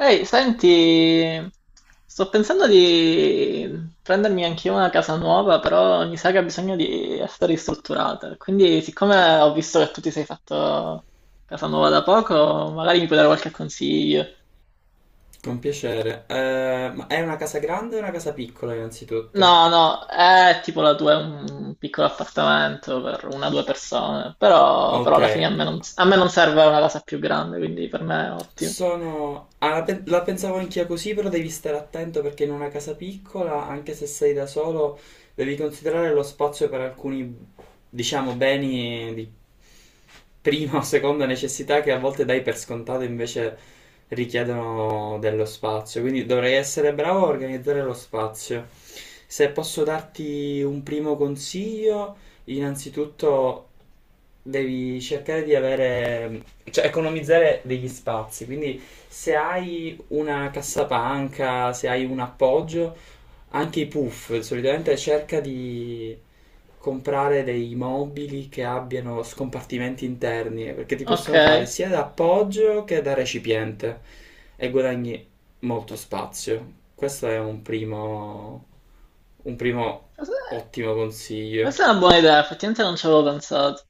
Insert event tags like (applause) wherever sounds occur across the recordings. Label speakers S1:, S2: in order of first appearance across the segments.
S1: Ehi, senti, sto pensando di prendermi anche io una casa nuova, però mi sa che ha bisogno di essere ristrutturata. Quindi, siccome ho visto che tu ti sei fatto casa nuova da poco, magari mi puoi dare qualche consiglio.
S2: Con piacere. Ma è una casa grande o una casa piccola innanzitutto?
S1: No, no, è tipo la tua, è un piccolo appartamento per una o due persone, però
S2: Ok.
S1: alla fine a me non serve una casa più grande, quindi per me è ottimo.
S2: Sono... ah, la, pe- La pensavo anch'io così, però devi stare attento perché in una casa piccola, anche se sei da solo, devi considerare lo spazio per alcuni, diciamo, beni di prima o seconda necessità che a volte dai per scontato invece richiedono dello spazio. Quindi dovrei essere bravo a organizzare lo spazio. Se posso darti un primo consiglio, innanzitutto devi cercare di avere cioè economizzare degli spazi. Quindi se hai una cassapanca, se hai un appoggio, anche i puff solitamente cerca di comprare dei mobili che abbiano scompartimenti interni, perché ti
S1: Ok,
S2: possono fare sia da appoggio che da recipiente e guadagni molto spazio. Questo è un primo
S1: questa
S2: ottimo consiglio.
S1: questa è una buona idea, effettivamente non ci avevo pensato.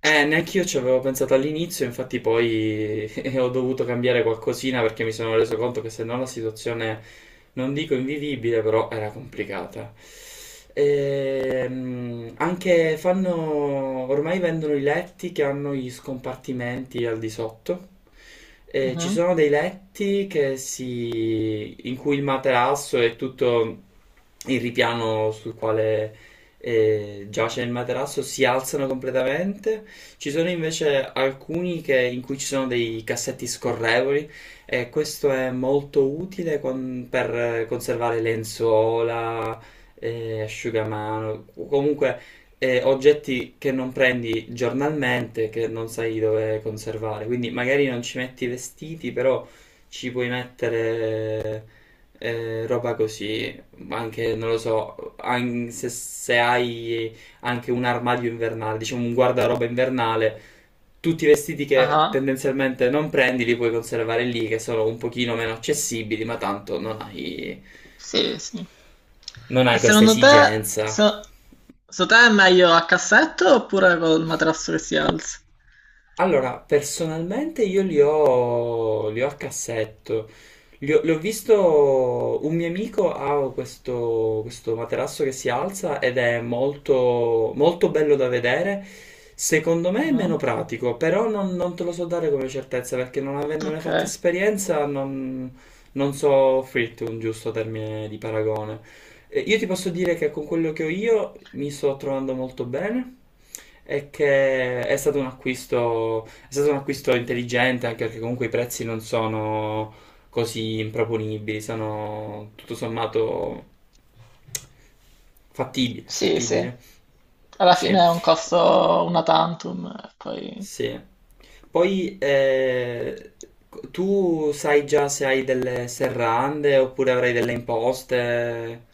S2: Neanche io ci avevo pensato all'inizio, infatti poi (laughs) ho dovuto cambiare qualcosina perché mi sono reso conto che se no la situazione, non dico invivibile, però era complicata. Anche fanno, ormai vendono i letti che hanno gli scompartimenti al di sotto. E ci
S1: Mhm.
S2: sono dei letti che si, in cui il materasso è tutto il ripiano sul quale giace il materasso si alzano completamente, ci sono invece in cui ci sono dei cassetti scorrevoli e questo è molto utile per conservare lenzuola, asciugamano, comunque oggetti che non prendi giornalmente, che non sai dove conservare. Quindi magari non ci metti i vestiti, però ci puoi mettere roba così, anche non lo so, se, se hai anche un armadio invernale, diciamo un guardaroba invernale. Tutti i vestiti che
S1: Ah.
S2: tendenzialmente non prendi li puoi conservare lì, che sono un pochino meno accessibili, ma tanto non hai,
S1: Sì, sì.
S2: non
S1: E
S2: hai questa
S1: secondo te,
S2: esigenza.
S1: so- secondo te è meglio a cassetto oppure col materasso che si alza?
S2: Allora, personalmente io li ho a cassetto. Li ho visto, un mio amico ha questo materasso che si alza ed è molto, molto bello da vedere. Secondo me è meno
S1: Mhm.
S2: pratico, però non, non te lo so dare come certezza perché non avendone
S1: Ok,
S2: fatto esperienza non, non so offrirti un giusto termine di paragone. Io ti posso dire che con quello che ho io mi sto trovando molto bene e che è stato un acquisto intelligente anche perché comunque i prezzi non sono così improponibili, sono tutto sommato fattibile,
S1: sì, sì.
S2: fattibile.
S1: Alla fine
S2: Sì,
S1: è un costo una tantum, e poi...
S2: sì. Poi tu sai già se hai delle serrande oppure avrai delle imposte?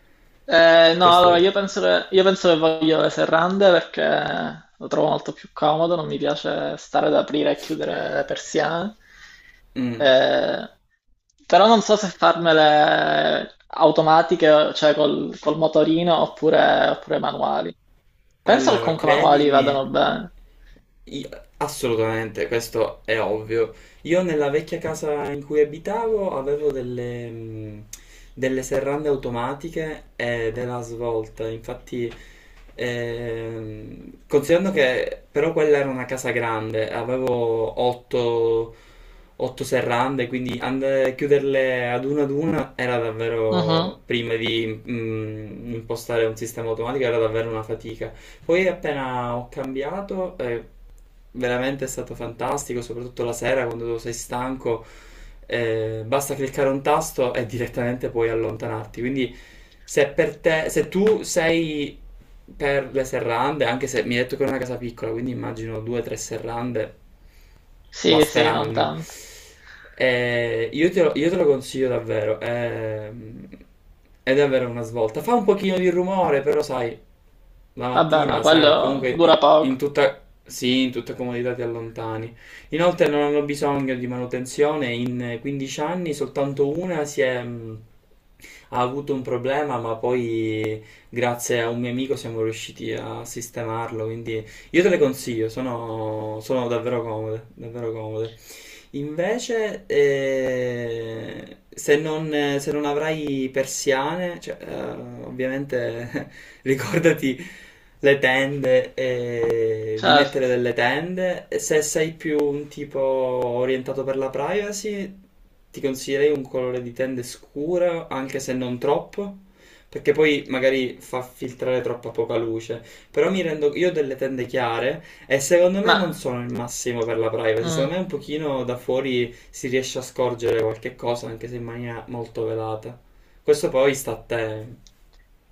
S1: No, allora
S2: Questo.
S1: io penso che voglio le serrande perché lo trovo molto più comodo, non mi piace stare ad aprire e chiudere le persiane.
S2: Mm.
S1: Eh, però non so se farmele automatiche, cioè col motorino oppure manuali. Penso che
S2: Allora,
S1: comunque manuali
S2: credimi,
S1: vadano bene.
S2: io- assolutamente, questo è ovvio. Io nella vecchia casa in cui abitavo avevo delle, delle serrande automatiche e della svolta, infatti... Considerando che però quella era una casa grande, avevo 8 serrande, quindi chiuderle ad una era
S1: Mhm.
S2: davvero, prima di impostare un sistema automatico, era davvero una fatica. Poi appena ho cambiato, veramente è stato fantastico, soprattutto la sera quando tu sei stanco, basta cliccare un tasto e direttamente puoi allontanarti. Quindi se per te, se tu sei per le serrande, anche se mi hai detto che è una casa piccola, quindi immagino 2 o 3 serrande,
S1: Sì, sì, non
S2: basteranno.
S1: tanto.
S2: Io te lo consiglio davvero. È davvero una svolta. Fa un pochino di rumore, però sai, la
S1: Vabbè,
S2: mattina,
S1: ma
S2: la sera, e
S1: quello
S2: comunque
S1: dura
S2: in
S1: poco,
S2: tutta, sì, in tutta comodità ti allontani. Inoltre non hanno bisogno di manutenzione. In 15 anni soltanto una si è... ha avuto un problema, ma poi grazie a un mio amico siamo riusciti a sistemarlo, quindi io te le consiglio, sono, sono davvero comode, davvero comode. Invece, se non, se non avrai persiane, cioè, ovviamente (laughs) ricordati le tende, di mettere
S1: certo.
S2: delle tende. E se sei più un tipo orientato per la privacy, ti consiglierei un colore di tende scuro, anche se non troppo, perché poi magari fa filtrare troppa poca luce. Però mi rendo, io ho delle tende chiare e secondo me non
S1: Ma
S2: sono il massimo per la privacy,
S1: mm,
S2: secondo me un pochino da fuori si riesce a scorgere qualche cosa, anche se in maniera molto velata. Questo poi sta a te.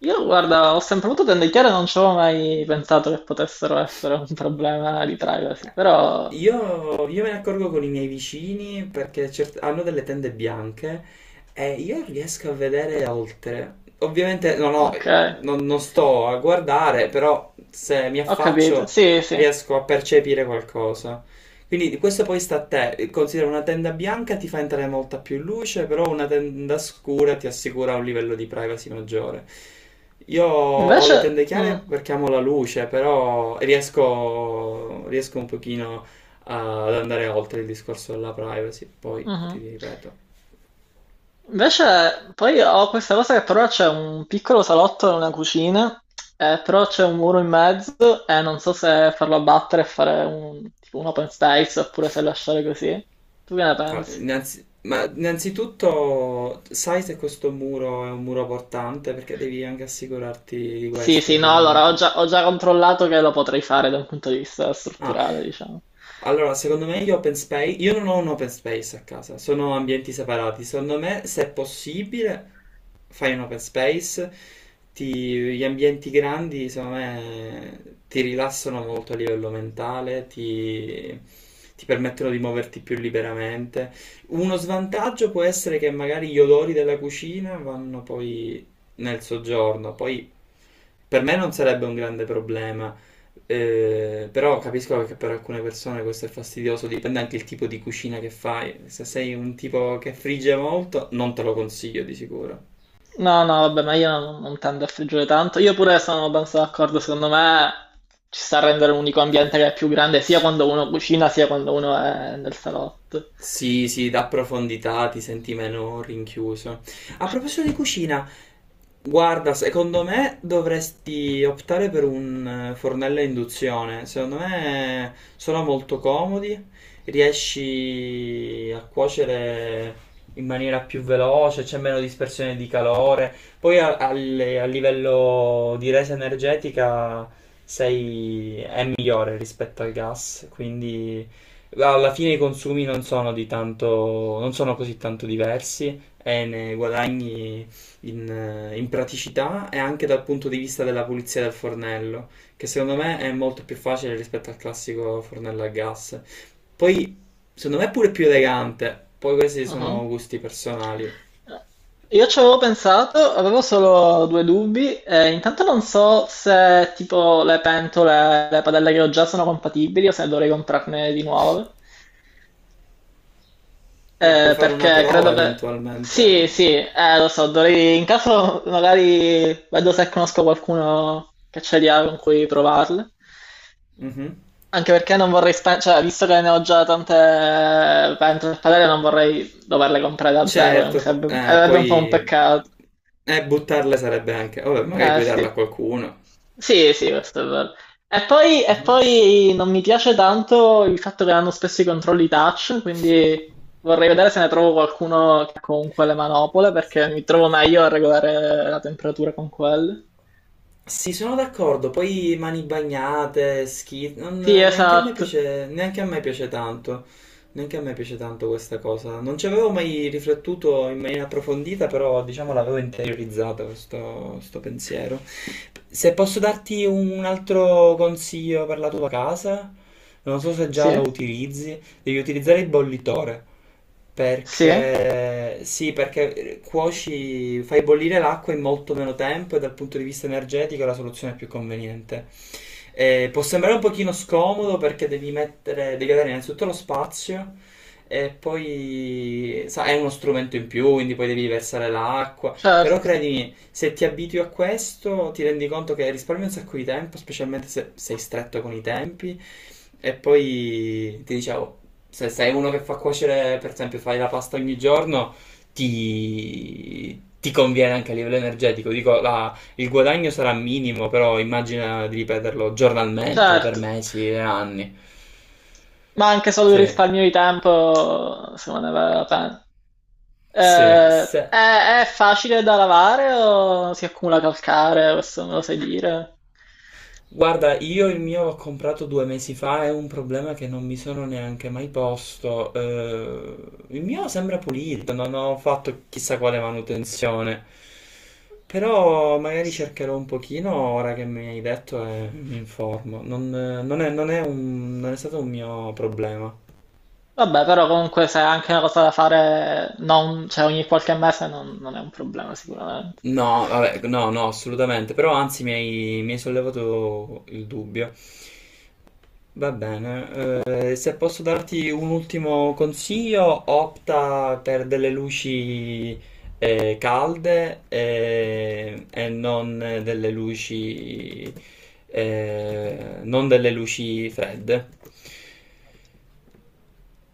S1: io, guarda, ho sempre avuto tende chiare, non ci avevo mai pensato che potessero essere un problema di privacy,
S2: Eh,
S1: però
S2: io me ne accorgo con i miei vicini perché hanno delle tende bianche e io riesco a vedere oltre. Ovviamente no, no,
S1: ok,
S2: non, non sto a guardare, però se mi
S1: ho capito.
S2: affaccio
S1: Sì, sì.
S2: riesco a percepire qualcosa. Quindi questo poi sta a te, considera una tenda bianca ti fa entrare molta più luce, però una tenda scura ti assicura un livello di privacy maggiore. Io ho
S1: Invece,
S2: le tende chiare
S1: mm,
S2: perché amo la luce, però riesco, riesco un pochino ad andare oltre il discorso della privacy, poi ti
S1: mhm.
S2: ripeto.
S1: Invece, poi ho questa cosa che però c'è un piccolo salotto e una cucina, però c'è un muro in mezzo e non so se farlo abbattere e fare tipo un open space oppure se lasciare così. Tu che ne pensi?
S2: Ma innanzitutto sai se questo muro è un muro portante, perché devi anche assicurarti di
S1: Sì,
S2: questo,
S1: sì, no, allora
S2: ovviamente.
S1: ho già controllato che lo potrei fare da un punto di vista
S2: Ah,
S1: strutturale, diciamo.
S2: Allora, secondo me gli open space, io non ho un open space a casa, sono ambienti separati. Secondo me, se è possibile, fai un open space, gli ambienti grandi, secondo me, ti rilassano molto a livello mentale, ti permettono di muoverti più liberamente. Uno svantaggio può essere che magari gli odori della cucina vanno poi nel soggiorno, poi per me non sarebbe un grande problema, però capisco che per alcune persone questo è fastidioso, dipende anche il tipo di cucina che fai. Se sei un tipo che frigge molto, non te lo consiglio di sicuro.
S1: No, no, vabbè, ma io non, non tendo a friggere tanto. Io pure sono abbastanza d'accordo, secondo me ci sta a rendere un unico ambiente che è più grande sia quando uno cucina sia quando uno è nel salotto.
S2: Sì, sì, dà profondità, ti senti meno rinchiuso. A proposito di cucina, guarda, secondo me dovresti optare per un fornello a induzione. Secondo me sono molto comodi, riesci a cuocere in maniera più veloce, c'è meno dispersione di calore. Poi a livello di resa energetica è migliore rispetto al gas, quindi... Alla fine i consumi non sono di tanto, non sono così tanto diversi e ne guadagni in praticità e anche dal punto di vista della pulizia del fornello, che secondo me è molto più facile rispetto al classico fornello a gas. Poi, secondo me è pure più elegante, poi questi
S1: Mhm.
S2: sono gusti personali.
S1: Io ci avevo pensato, avevo solo due dubbi. Intanto non so se tipo le padelle che ho già sono compatibili o se dovrei comprarne di nuove.
S2: Puoi fare una
S1: Perché
S2: prova
S1: credo che
S2: eventualmente.
S1: sì, sì, lo so, dovrei... in caso magari vedo se conosco qualcuno che ce li ha con cui provarle.
S2: Mhm.
S1: Anche perché non vorrei spendere, cioè, visto che ne ho già tante pentole e padelle, non vorrei doverle comprare da zero, e mi
S2: Certo,
S1: sarebbe... sarebbe un po' un
S2: poi
S1: peccato.
S2: buttarle sarebbe anche... Vabbè, magari
S1: Eh
S2: puoi darla a
S1: sì.
S2: qualcuno.
S1: Sì, sì, questo è vero. E
S2: Mhm.
S1: poi non mi piace tanto il fatto che hanno spesso i controlli touch, quindi vorrei vedere se ne trovo qualcuno con quelle manopole,
S2: Sì,
S1: perché mi trovo meglio a regolare la temperatura con quelle.
S2: sono d'accordo, poi mani bagnate, schi... non-
S1: Sì,
S2: neanche a me
S1: esatto.
S2: piace, neanche a me piace tanto, neanche a me piace tanto questa cosa. Non ci avevo mai riflettuto in maniera approfondita, però diciamo l'avevo interiorizzata questo, questo pensiero. Se posso darti un altro consiglio per la tua casa, non so se già
S1: Sì,
S2: lo utilizzi, devi utilizzare il bollitore
S1: sì,
S2: perché sì, perché cuoci, fai bollire l'acqua in molto meno tempo e dal punto di vista energetico è la soluzione più conveniente. Può sembrare un pochino scomodo perché devi mettere, devi avere innanzitutto lo spazio e poi sa, è uno strumento in più, quindi poi devi versare l'acqua, però
S1: certo,
S2: credimi, se ti abitui a questo, ti rendi conto che risparmi un sacco di tempo, specialmente se sei stretto con i tempi. E poi ti dicevo, se sei uno che fa cuocere, per esempio, fai la pasta ogni giorno, ti conviene anche a livello energetico. Dico, il guadagno sarà minimo, però immagina di ripeterlo giornalmente per
S1: certo.
S2: mesi e anni.
S1: Ma anche solo il
S2: Sì,
S1: risparmio di tempo, secondo me, vale la pena.
S2: sì, se...
S1: È facile da lavare o si accumula calcare? Questo me lo sai dire?
S2: Guarda, io il mio l'ho comprato 2 mesi fa, è un problema che non mi sono neanche mai posto. Il mio sembra pulito, non ho fatto chissà quale manutenzione. Però magari cercherò un pochino ora che mi hai detto e mi informo. Non, non è, non è stato un mio problema.
S1: Vabbè, però comunque se è anche una cosa da fare non, cioè ogni qualche mese non, non è un problema sicuramente.
S2: No, vabbè, no, no, assolutamente, però anzi mi hai sollevato il dubbio. Va bene, se posso darti un ultimo consiglio, opta per delle luci calde e non delle luci, eh, non delle luci fredde.